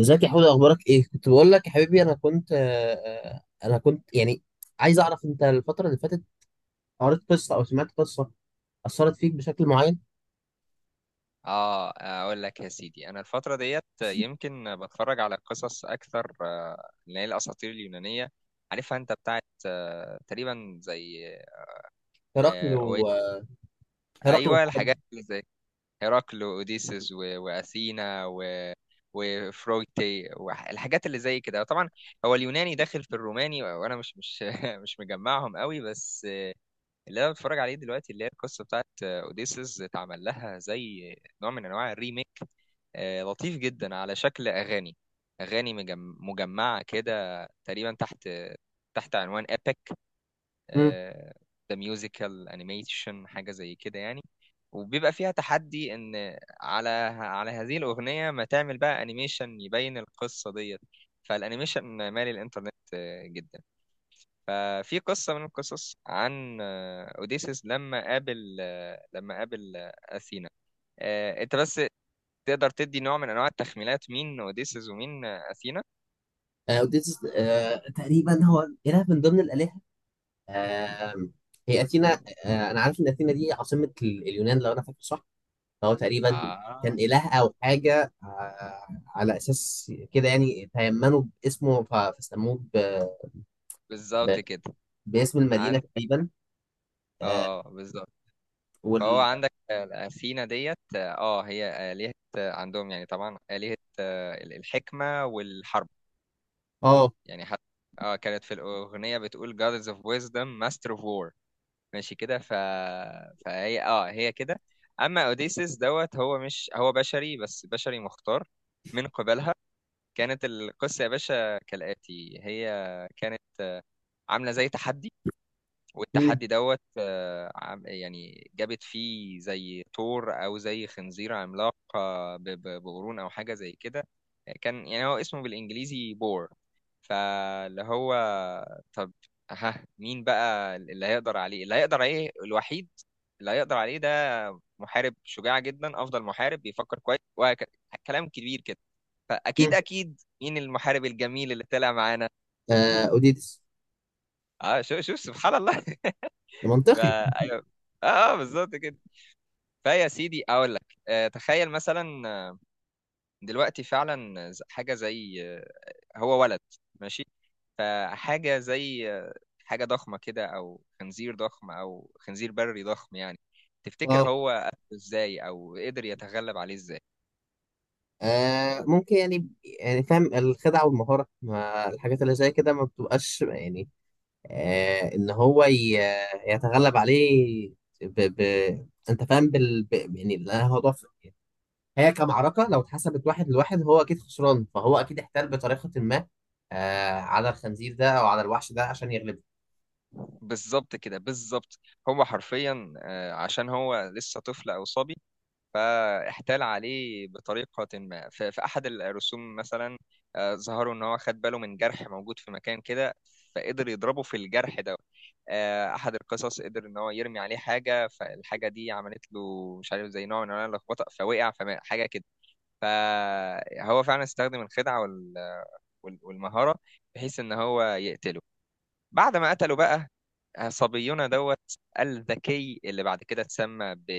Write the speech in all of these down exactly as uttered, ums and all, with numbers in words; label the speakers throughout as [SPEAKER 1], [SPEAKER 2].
[SPEAKER 1] ازيك يا حوده، اخبارك ايه؟ كنت بقول لك يا حبيبي، انا كنت آه، آه، انا كنت يعني عايز اعرف، انت الفتره اللي فاتت قريت قصه او سمعت قصه اثرت فيك بشكل معين؟
[SPEAKER 2] اه، اقول لك يا سيدي، انا الفتره ديت يمكن بتفرج على قصص اكثر، آه، اللي هي الاساطير اليونانيه. عارفها انت، بتاعت آه، تقريبا زي
[SPEAKER 1] هرقل
[SPEAKER 2] آه، أوي-
[SPEAKER 1] و آه، هرقل
[SPEAKER 2] ايوه،
[SPEAKER 1] والحاجات دي.
[SPEAKER 2] الحاجات اللي زي هيراكل واوديسيس و- واثينا و وفرويتي والحاجات اللي زي كده. طبعا هو اليوناني داخل في الروماني، وانا مش مش مش مجمعهم قوي. بس اللي انا بتفرج عليه دلوقتي اللي هي القصه بتاعت آه، اوديسيس، اتعمل لها زي نوع من انواع الريميك، آه، لطيف جدا، على شكل اغاني، اغاني مجم- مجمعه كده تقريبا تحت تحت عنوان ايبك
[SPEAKER 1] امم.
[SPEAKER 2] ذا ميوزيكال انيميشن، حاجه زي كده يعني. وبيبقى فيها تحدي ان على على هذه الاغنيه ما تعمل بقى انيميشن يبين القصه ديت. فالانيميشن مالي الانترنت آه، جدا. ففي قصه من القصص عن آه، اوديسيس لما قابل آه، لما قابل آه، اثينا. آه، انت بس تقدر تدي نوع من انواع التخمينات، مين اوديسيس ومين اثينا؟
[SPEAKER 1] آه، أوديسيس، آه، تقريبا هو اله من ضمن الالهه. آه، هي اثينا، آه، انا عارف ان اثينا دي عاصمه ال- اليونان، لو انا فاكر صح. فهو تقريبا كان
[SPEAKER 2] اه
[SPEAKER 1] اله او حاجه، آه، على اساس كده، يعني تيمنوا باسمه، ف- فسموه ب- ب-
[SPEAKER 2] بالظبط كده.
[SPEAKER 1] باسم المدينه
[SPEAKER 2] عن،
[SPEAKER 1] تقريبا. آه،
[SPEAKER 2] اه بالظبط. فهو
[SPEAKER 1] وال
[SPEAKER 2] عندك آه، اثينا ديت، اه هي آلهة، آه، عندهم يعني، طبعا آلهة آه، الحكمة والحرب
[SPEAKER 1] اه.
[SPEAKER 2] يعني. حتى اه كانت في الأغنية بتقول Goddess of Wisdom Master of War، ماشي كده. ف... فهي اه هي كده. أما أوديسيس دوت، هو مش هو بشري، بس بشري مختار من قبلها. كانت القصة يا باشا كالآتي: هي كانت عاملة زي تحدي،
[SPEAKER 1] مم.
[SPEAKER 2] والتحدي دوت آه، عم- يعني جابت فيه زي ثور أو زي خنزير عملاق، آه، ب- ب- بقرون أو حاجة زي كده. كان يعني هو اسمه بالإنجليزي بور. فاللي هو، طب ها مين بقى اللي هيقدر عليه؟ اللي هيقدر عليه الوحيد، اللي هيقدر عليه ده، محارب شجاع جدا، أفضل محارب، بيفكر كويس وكلام كبير كده. فاكيد
[SPEAKER 1] مم.
[SPEAKER 2] اكيد مين المحارب الجميل اللي طلع معانا؟
[SPEAKER 1] آه اوديتس.
[SPEAKER 2] اه، شوف شوف سبحان الله. ف-
[SPEAKER 1] منطقي.
[SPEAKER 2] ايوه، اه آه، بالظبط كده. فيا سيدي اقول لك، آه، تخيل مثلا آه، دلوقتي فعلا ز- حاجه زي آه، هو ولد ماشي، فحاجه زي آه، حاجه ضخمه كده، او خنزير ضخم، او خنزير بري ضخم يعني. تفتكر
[SPEAKER 1] اه،
[SPEAKER 2] هو قتله ازاي او قدر يتغلب عليه ازاي؟
[SPEAKER 1] آه ممكن يعني. يعني فاهم، الخدعة والمهارة ما الحاجات اللي زي كده ما بتبقاش يعني، آه إن هو ي- يتغلب عليه. ب... ب... أنت فاهم بال... ب... يعني لا، هو ضعف. هي كمعركة، لو اتحسبت واحد لواحد هو أكيد خسران، فهو أكيد احتال بطريقة ما، آه على الخنزير ده أو على الوحش ده عشان يغلبه.
[SPEAKER 2] بالظبط كده بالظبط. هو حرفيا آه، عشان هو لسه طفل او صبي، فاحتال عليه بطريقة ما. ف- في أحد الرسوم مثلا آه، ظهروا إن هو خد باله من جرح موجود في مكان كده، فقدر يضربه في الجرح ده. آه، أحد القصص قدر إن هو يرمي عليه حاجة، فالحاجة دي عملت له مش عارف زي نوع من أنواع اللخبطة، فوقع فحاجة كده. فهو فعلا استخدم الخدعة وال- وال- والمهارة، بحيث إن هو يقتله. بعد ما قتلوا بقى، صبينا دوت الذكي، اللي بعد كده اتسمى ب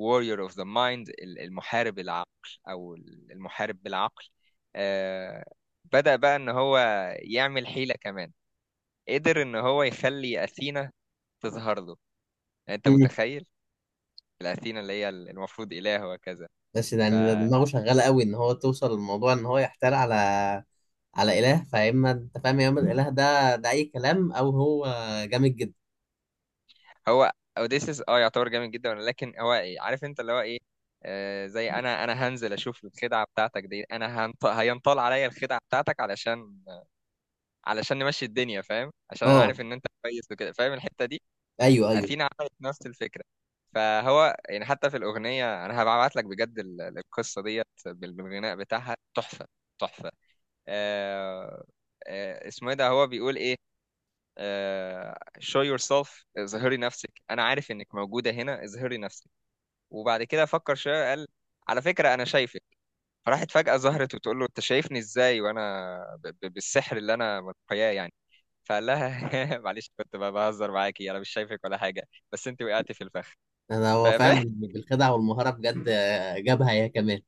[SPEAKER 2] Warrior of the Mind، ال- المحارب العقل، أو المحارب بالعقل. آه، بدأ بقى إن هو يعمل حيلة كمان، قدر إن هو يخلي أثينا تظهر له. يعني أنت
[SPEAKER 1] مم.
[SPEAKER 2] متخيل؟ الأثينا اللي هي المفروض إله وكذا.
[SPEAKER 1] بس يعني ده دماغه شغالة قوي، إن هو توصل للموضوع إن هو يحتال على على اله. فاما انت فاهم يا اما الاله ده ده اي كلام، او هو جامد جدا.
[SPEAKER 2] هو اوديسيس اه يعتبر جامد جدا، لكن هو ايه عارف انت اللي هو ايه، آه زي انا انا هنزل اشوف الخدعه بتاعتك دي، انا هنط... هينطال عليا الخدعه بتاعتك علشان علشان نمشي الدنيا، فاهم؟ عشان انا عارف
[SPEAKER 1] اه،
[SPEAKER 2] ان انت كويس وكده، فاهم الحته دي.
[SPEAKER 1] ايوه ايوه.
[SPEAKER 2] اثينا عملت نفس الفكره. فهو يعني حتى في الاغنيه، انا هبعت لك بجد ال- القصه ديت بال- بالغناء بتاعها، تحفه تحفه. آه آه اسمه ايه ده، هو بيقول ايه، آه، show yourself، اظهري نفسك، انا عارف انك موجوده هنا، اظهري نفسك. وبعد كده فكر شويه قال: على فكره انا شايفك. فراحت فجاه ظهرت وتقول له: انت شايفني ازاي وانا ب- ب- بالسحر اللي انا متخياه يعني؟ فقال لها معلش، كنت ب- بهزر معاكي، انا مش شايفك ولا حاجه، بس انت وقعتي في الفخ.
[SPEAKER 1] انا
[SPEAKER 2] ف...
[SPEAKER 1] هو
[SPEAKER 2] ف...
[SPEAKER 1] فعلا بالخدعه والمهاره بجد، آه، جابها هي كمان.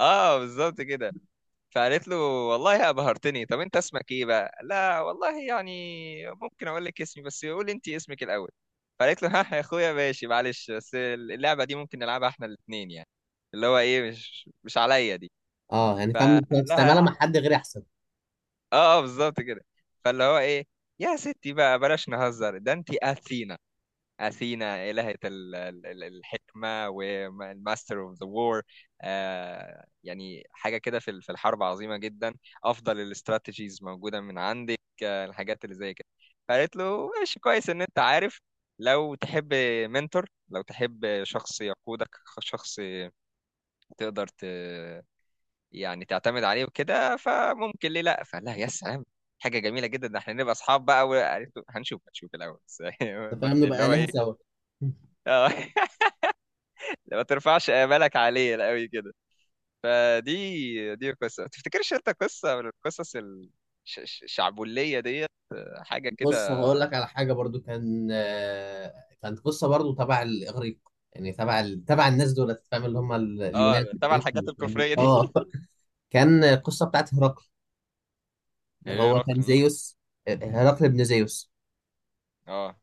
[SPEAKER 2] اه بالظبط كده. فقالت له: والله يا بهرتني، طب انت اسمك ايه بقى؟ لا والله يعني، ممكن اقول لك اسمي، بس قول انت اسمك الاول. فقالت له ها يا اخويا، ماشي، معلش، بس اللعبه دي ممكن نلعبها احنا الاثنين يعني، اللي هو ايه، مش مش عليا دي.
[SPEAKER 1] اه يعني فاهم،
[SPEAKER 2] فقال
[SPEAKER 1] انت
[SPEAKER 2] لها:
[SPEAKER 1] تستعملها مع حد غير احسن.
[SPEAKER 2] اه اه بالظبط كده. فاللي هو ايه، يا ستي بقى بلاش نهزر، ده انت اثينا، أثينا إلهة ال- ال- ال- الحكمة والماستر اوف ذا وور، يعني حاجة كده، في ال- في الحرب عظيمة جدا. أفضل الاستراتيجيز موجودة من عندك آه، الحاجات اللي زي كده. فقالت له: ماشي كويس إن أنت عارف، لو تحب منتور، لو تحب شخص يقودك، شخص تقدر ت... يعني تعتمد عليه وكده، فممكن ليه لا. فقال لها: يا سلام، حاجة جميلة جدا، ده احنا نبقى اصحاب بقى. وقالت له: هنشوف هنشوف الأول بس.
[SPEAKER 1] انت
[SPEAKER 2] بس
[SPEAKER 1] فاهم،
[SPEAKER 2] اللي
[SPEAKER 1] نبقى
[SPEAKER 2] هو
[SPEAKER 1] الهه
[SPEAKER 2] ايه،
[SPEAKER 1] سوا.
[SPEAKER 2] اه ما ترفعش آمالك عليه قوي كده. فدي دي قصة، ما تفتكرش انت قصة من القصص ال- ش- ش- الشعبولية ديت، حاجة كده.
[SPEAKER 1] بص، هقول لك على حاجه برضو، كان آه، كانت قصه برضو تبع الاغريق، يعني تبع ال... تبع الناس دول، فاهم، اللي هم ال- اليونان
[SPEAKER 2] اه تبع
[SPEAKER 1] الاغريق.
[SPEAKER 2] الحاجات
[SPEAKER 1] يعني
[SPEAKER 2] الكفرية دي.
[SPEAKER 1] اه كان القصه بتاعت هرقل، اللي هو كان
[SPEAKER 2] هيرقل.
[SPEAKER 1] زيوس. هرقل ابن زيوس.
[SPEAKER 2] اه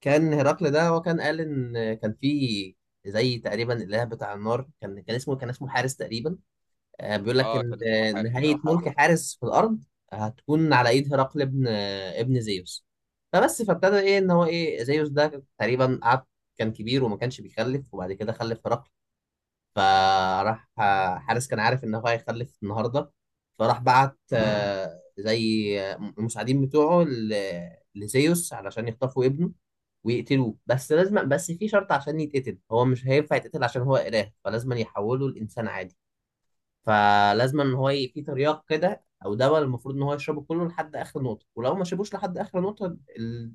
[SPEAKER 1] كان هرقل ده هو كان قال ان كان في زي تقريبا الاله بتاع النار، كان كان اسمه كان اسمه حارس تقريبا. آه، بيقول لك
[SPEAKER 2] اه
[SPEAKER 1] ان
[SPEAKER 2] كان اسمه
[SPEAKER 1] آه،
[SPEAKER 2] حارس او
[SPEAKER 1] نهايه ملك
[SPEAKER 2] حادث.
[SPEAKER 1] حارس في الارض هتكون على ايد هرقل ابن آه، ابن زيوس. فبس فابتدى ايه، ان هو ايه، زيوس ده تقريبا قعد كان كبير وما كانش بيخلف، وبعد كده خلف هرقل. فراح آه، حارس كان عارف ان هو هيخلف النهارده، فراح بعت آه، زي المساعدين بتوعه ل- لزيوس علشان يخطفوا ابنه ويقتلوه. بس لازم، بس في شرط عشان يتقتل، هو مش هينفع يتقتل عشان هو إله، فلازم يحوله لإنسان عادي. فلازم ان هو ي- في ترياق كده او دواء، المفروض ان هو يشربه كله لحد اخر نقطه، ولو ما شربوش لحد اخر نقطه ال...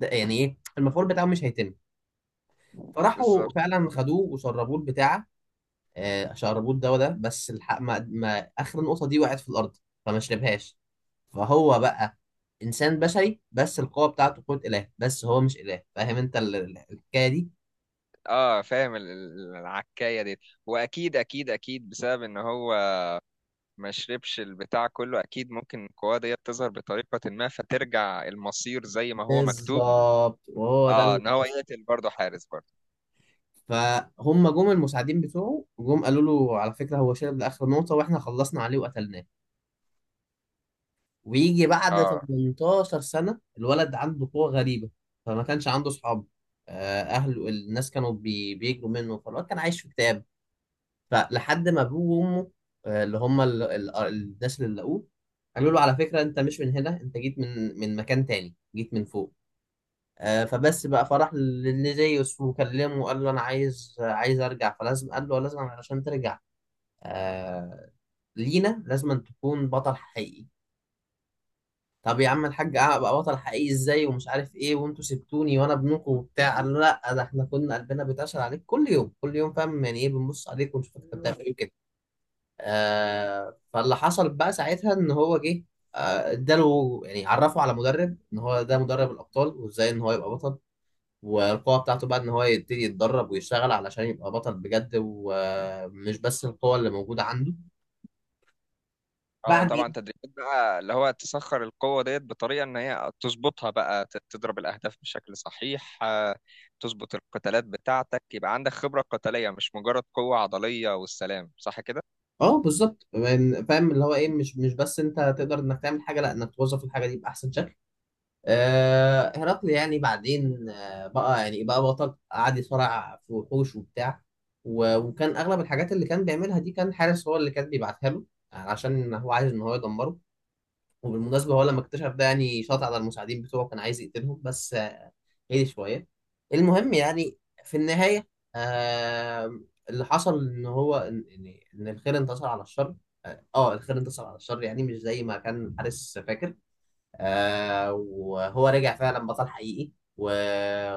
[SPEAKER 1] ده- يعني ايه المفعول بتاعه مش هيتم. فراحوا
[SPEAKER 2] بالظبط.
[SPEAKER 1] فعلا خدوه وشربوه البتاعه، آه، شعربوط ده، وده بس الحق ما, ما اخر النقطه دي وقعت في الارض، فما شربهاش. فهو بقى انسان بشري، بس القوه بتاعته قوه اله، بس هو مش اله. فاهم انت ال- ال- الحكايه دي.
[SPEAKER 2] اه فاهم ال- ال- العكاية دي. واكيد اكيد اكيد بسبب ان هو ما شربش البتاع كله، اكيد ممكن القوة ديت تظهر بطريقة ما، فترجع المصير زي ما هو مكتوب.
[SPEAKER 1] بالظبط، وهو ده
[SPEAKER 2] اه
[SPEAKER 1] ال-
[SPEAKER 2] ان هو يقتل برضه حارس برضه.
[SPEAKER 1] فهم جم المساعدين بتوعه، جم قالوا له على فكره هو شرب لاخر نقطه واحنا خلصنا عليه وقتلناه. ويجي بعد
[SPEAKER 2] اه
[SPEAKER 1] تمنتاشر سنه الولد عنده قوه غريبه، فما كانش عنده صحاب. آه، اهله، الناس كانوا بي- بيجروا منه، فالواد كان عايش في كتاب، فلحد ما ابوه وامه، آه، اللي هم ال- ال- آه، الناس اللي لقوه، قالوا له على فكره انت مش من هنا، انت جيت من من مكان تاني، جيت من فوق. آه، فبس بقى فرح لزيوس وكلمه وقال له انا عايز عايز ارجع، فلازم قال له لازم علشان ترجع، آه، لينا لازم أن تكون بطل حقيقي. طب يا عم الحاج، ابقى بطل حقيقي ازاي، ومش عارف ايه، وانتوا سبتوني وانا ابنكم وبتاع؟ قال له لا، ده احنا كنا قلبنا بيتعشر عليك كل يوم كل يوم، فاهم يعني ايه، بنبص عليك ونشوفك انت بتعمل ايه وكده. آه، فاللي حصل بقى ساعتها ان هو جه، آه، اداله، يعني عرفه على مدرب، ان هو ده مدرب الابطال، وازاي ان هو يبقى بطل، والقوه بتاعته بقى ان هو يبتدي يتدرب ويشتغل علشان يبقى بطل بجد، ومش بس القوه اللي موجوده عنده.
[SPEAKER 2] اه طبعا
[SPEAKER 1] بعدين،
[SPEAKER 2] تدريبات بقى، اللي هو تسخر القوة ديت بطريقة ان هي تظبطها بقى، ت- تضرب الاهداف بشكل صحيح، آه، تظبط القتالات بتاعتك، يبقى عندك خبرة قتالية، مش مجرد قوة عضلية والسلام، صح كده؟
[SPEAKER 1] اه بالظبط، يعني فاهم اللي هو ايه، مش مش بس انت تقدر انك تعمل حاجه، لا، انك توظف الحاجه دي باحسن شكل. آه، هرقل يعني بعدين آه، بقى يعني بقى بطل، قعد يصارع في وحوش وبتاع، و- وكان اغلب الحاجات اللي كان بيعملها دي كان حارس هو اللي كان بيبعتها له، يعني عشان هو عايز ان هو يدمره. وبالمناسبة هو لما اكتشف ده يعني شاط على المساعدين بتوعه، كان عايز يقتلهم، بس آه، هدي شوية. المهم يعني في النهاية، آه، اللي حصل ان هو ان ان إن الخير انتصر على الشر. اه، آه، الخير انتصر على الشر، يعني مش زي ما كان حارس فاكر. آه، وهو رجع فعلا بطل حقيقي، و-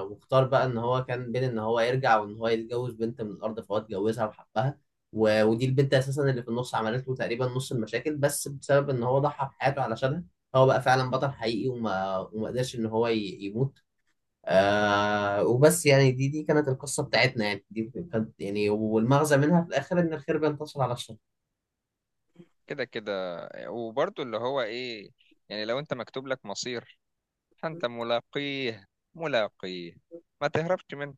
[SPEAKER 1] واختار بقى ان هو كان بين ان هو يرجع وان هو يتجوز بنت من الارض، فهو اتجوزها وحبها. و- ودي البنت اساسا اللي في النص عملت له تقريبا نص المشاكل، بس بسبب ان هو ضحى بحياته علشانها، هو بقى فعلا بطل حقيقي، وما وما قدرش ان هو ي- يموت. آه وبس، يعني دي دي كانت القصة بتاعتنا، يعني دي كانت يعني، والمغزى منها في الاخر ان الخير بينتصر على الشر.
[SPEAKER 2] كده كده. وبرضو اللي هو ايه، يعني لو انت مكتوب لك مصير، فانت ملاقيه ملاقيه، ما تهربش منه.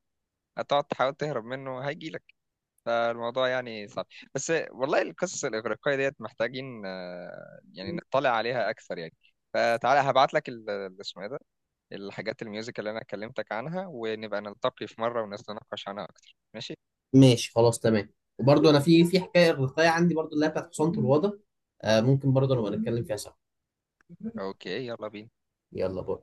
[SPEAKER 2] هتقعد تحاول تهرب منه هيجيلك. فالموضوع يعني صعب، بس والله القصص الإغريقية ديت محتاجين آه، يعني نطلع عليها أكثر يعني. فتعالى هبعت لك ال- ال- اسمه إيه ده، الحاجات الميوزك اللي أنا كلمتك عنها، ونبقى نلتقي في مرة ونتناقش عنها أكتر، ماشي؟
[SPEAKER 1] ماشي، خلاص، تمام. وبرضه انا في في حكايه الرقايه عندي برضه، اللي هي بتاعت حصانه الوضع. آه، ممكن برضه نبقى نتكلم فيها سوا.
[SPEAKER 2] أوكي، يلا بينا.
[SPEAKER 1] يلا باي.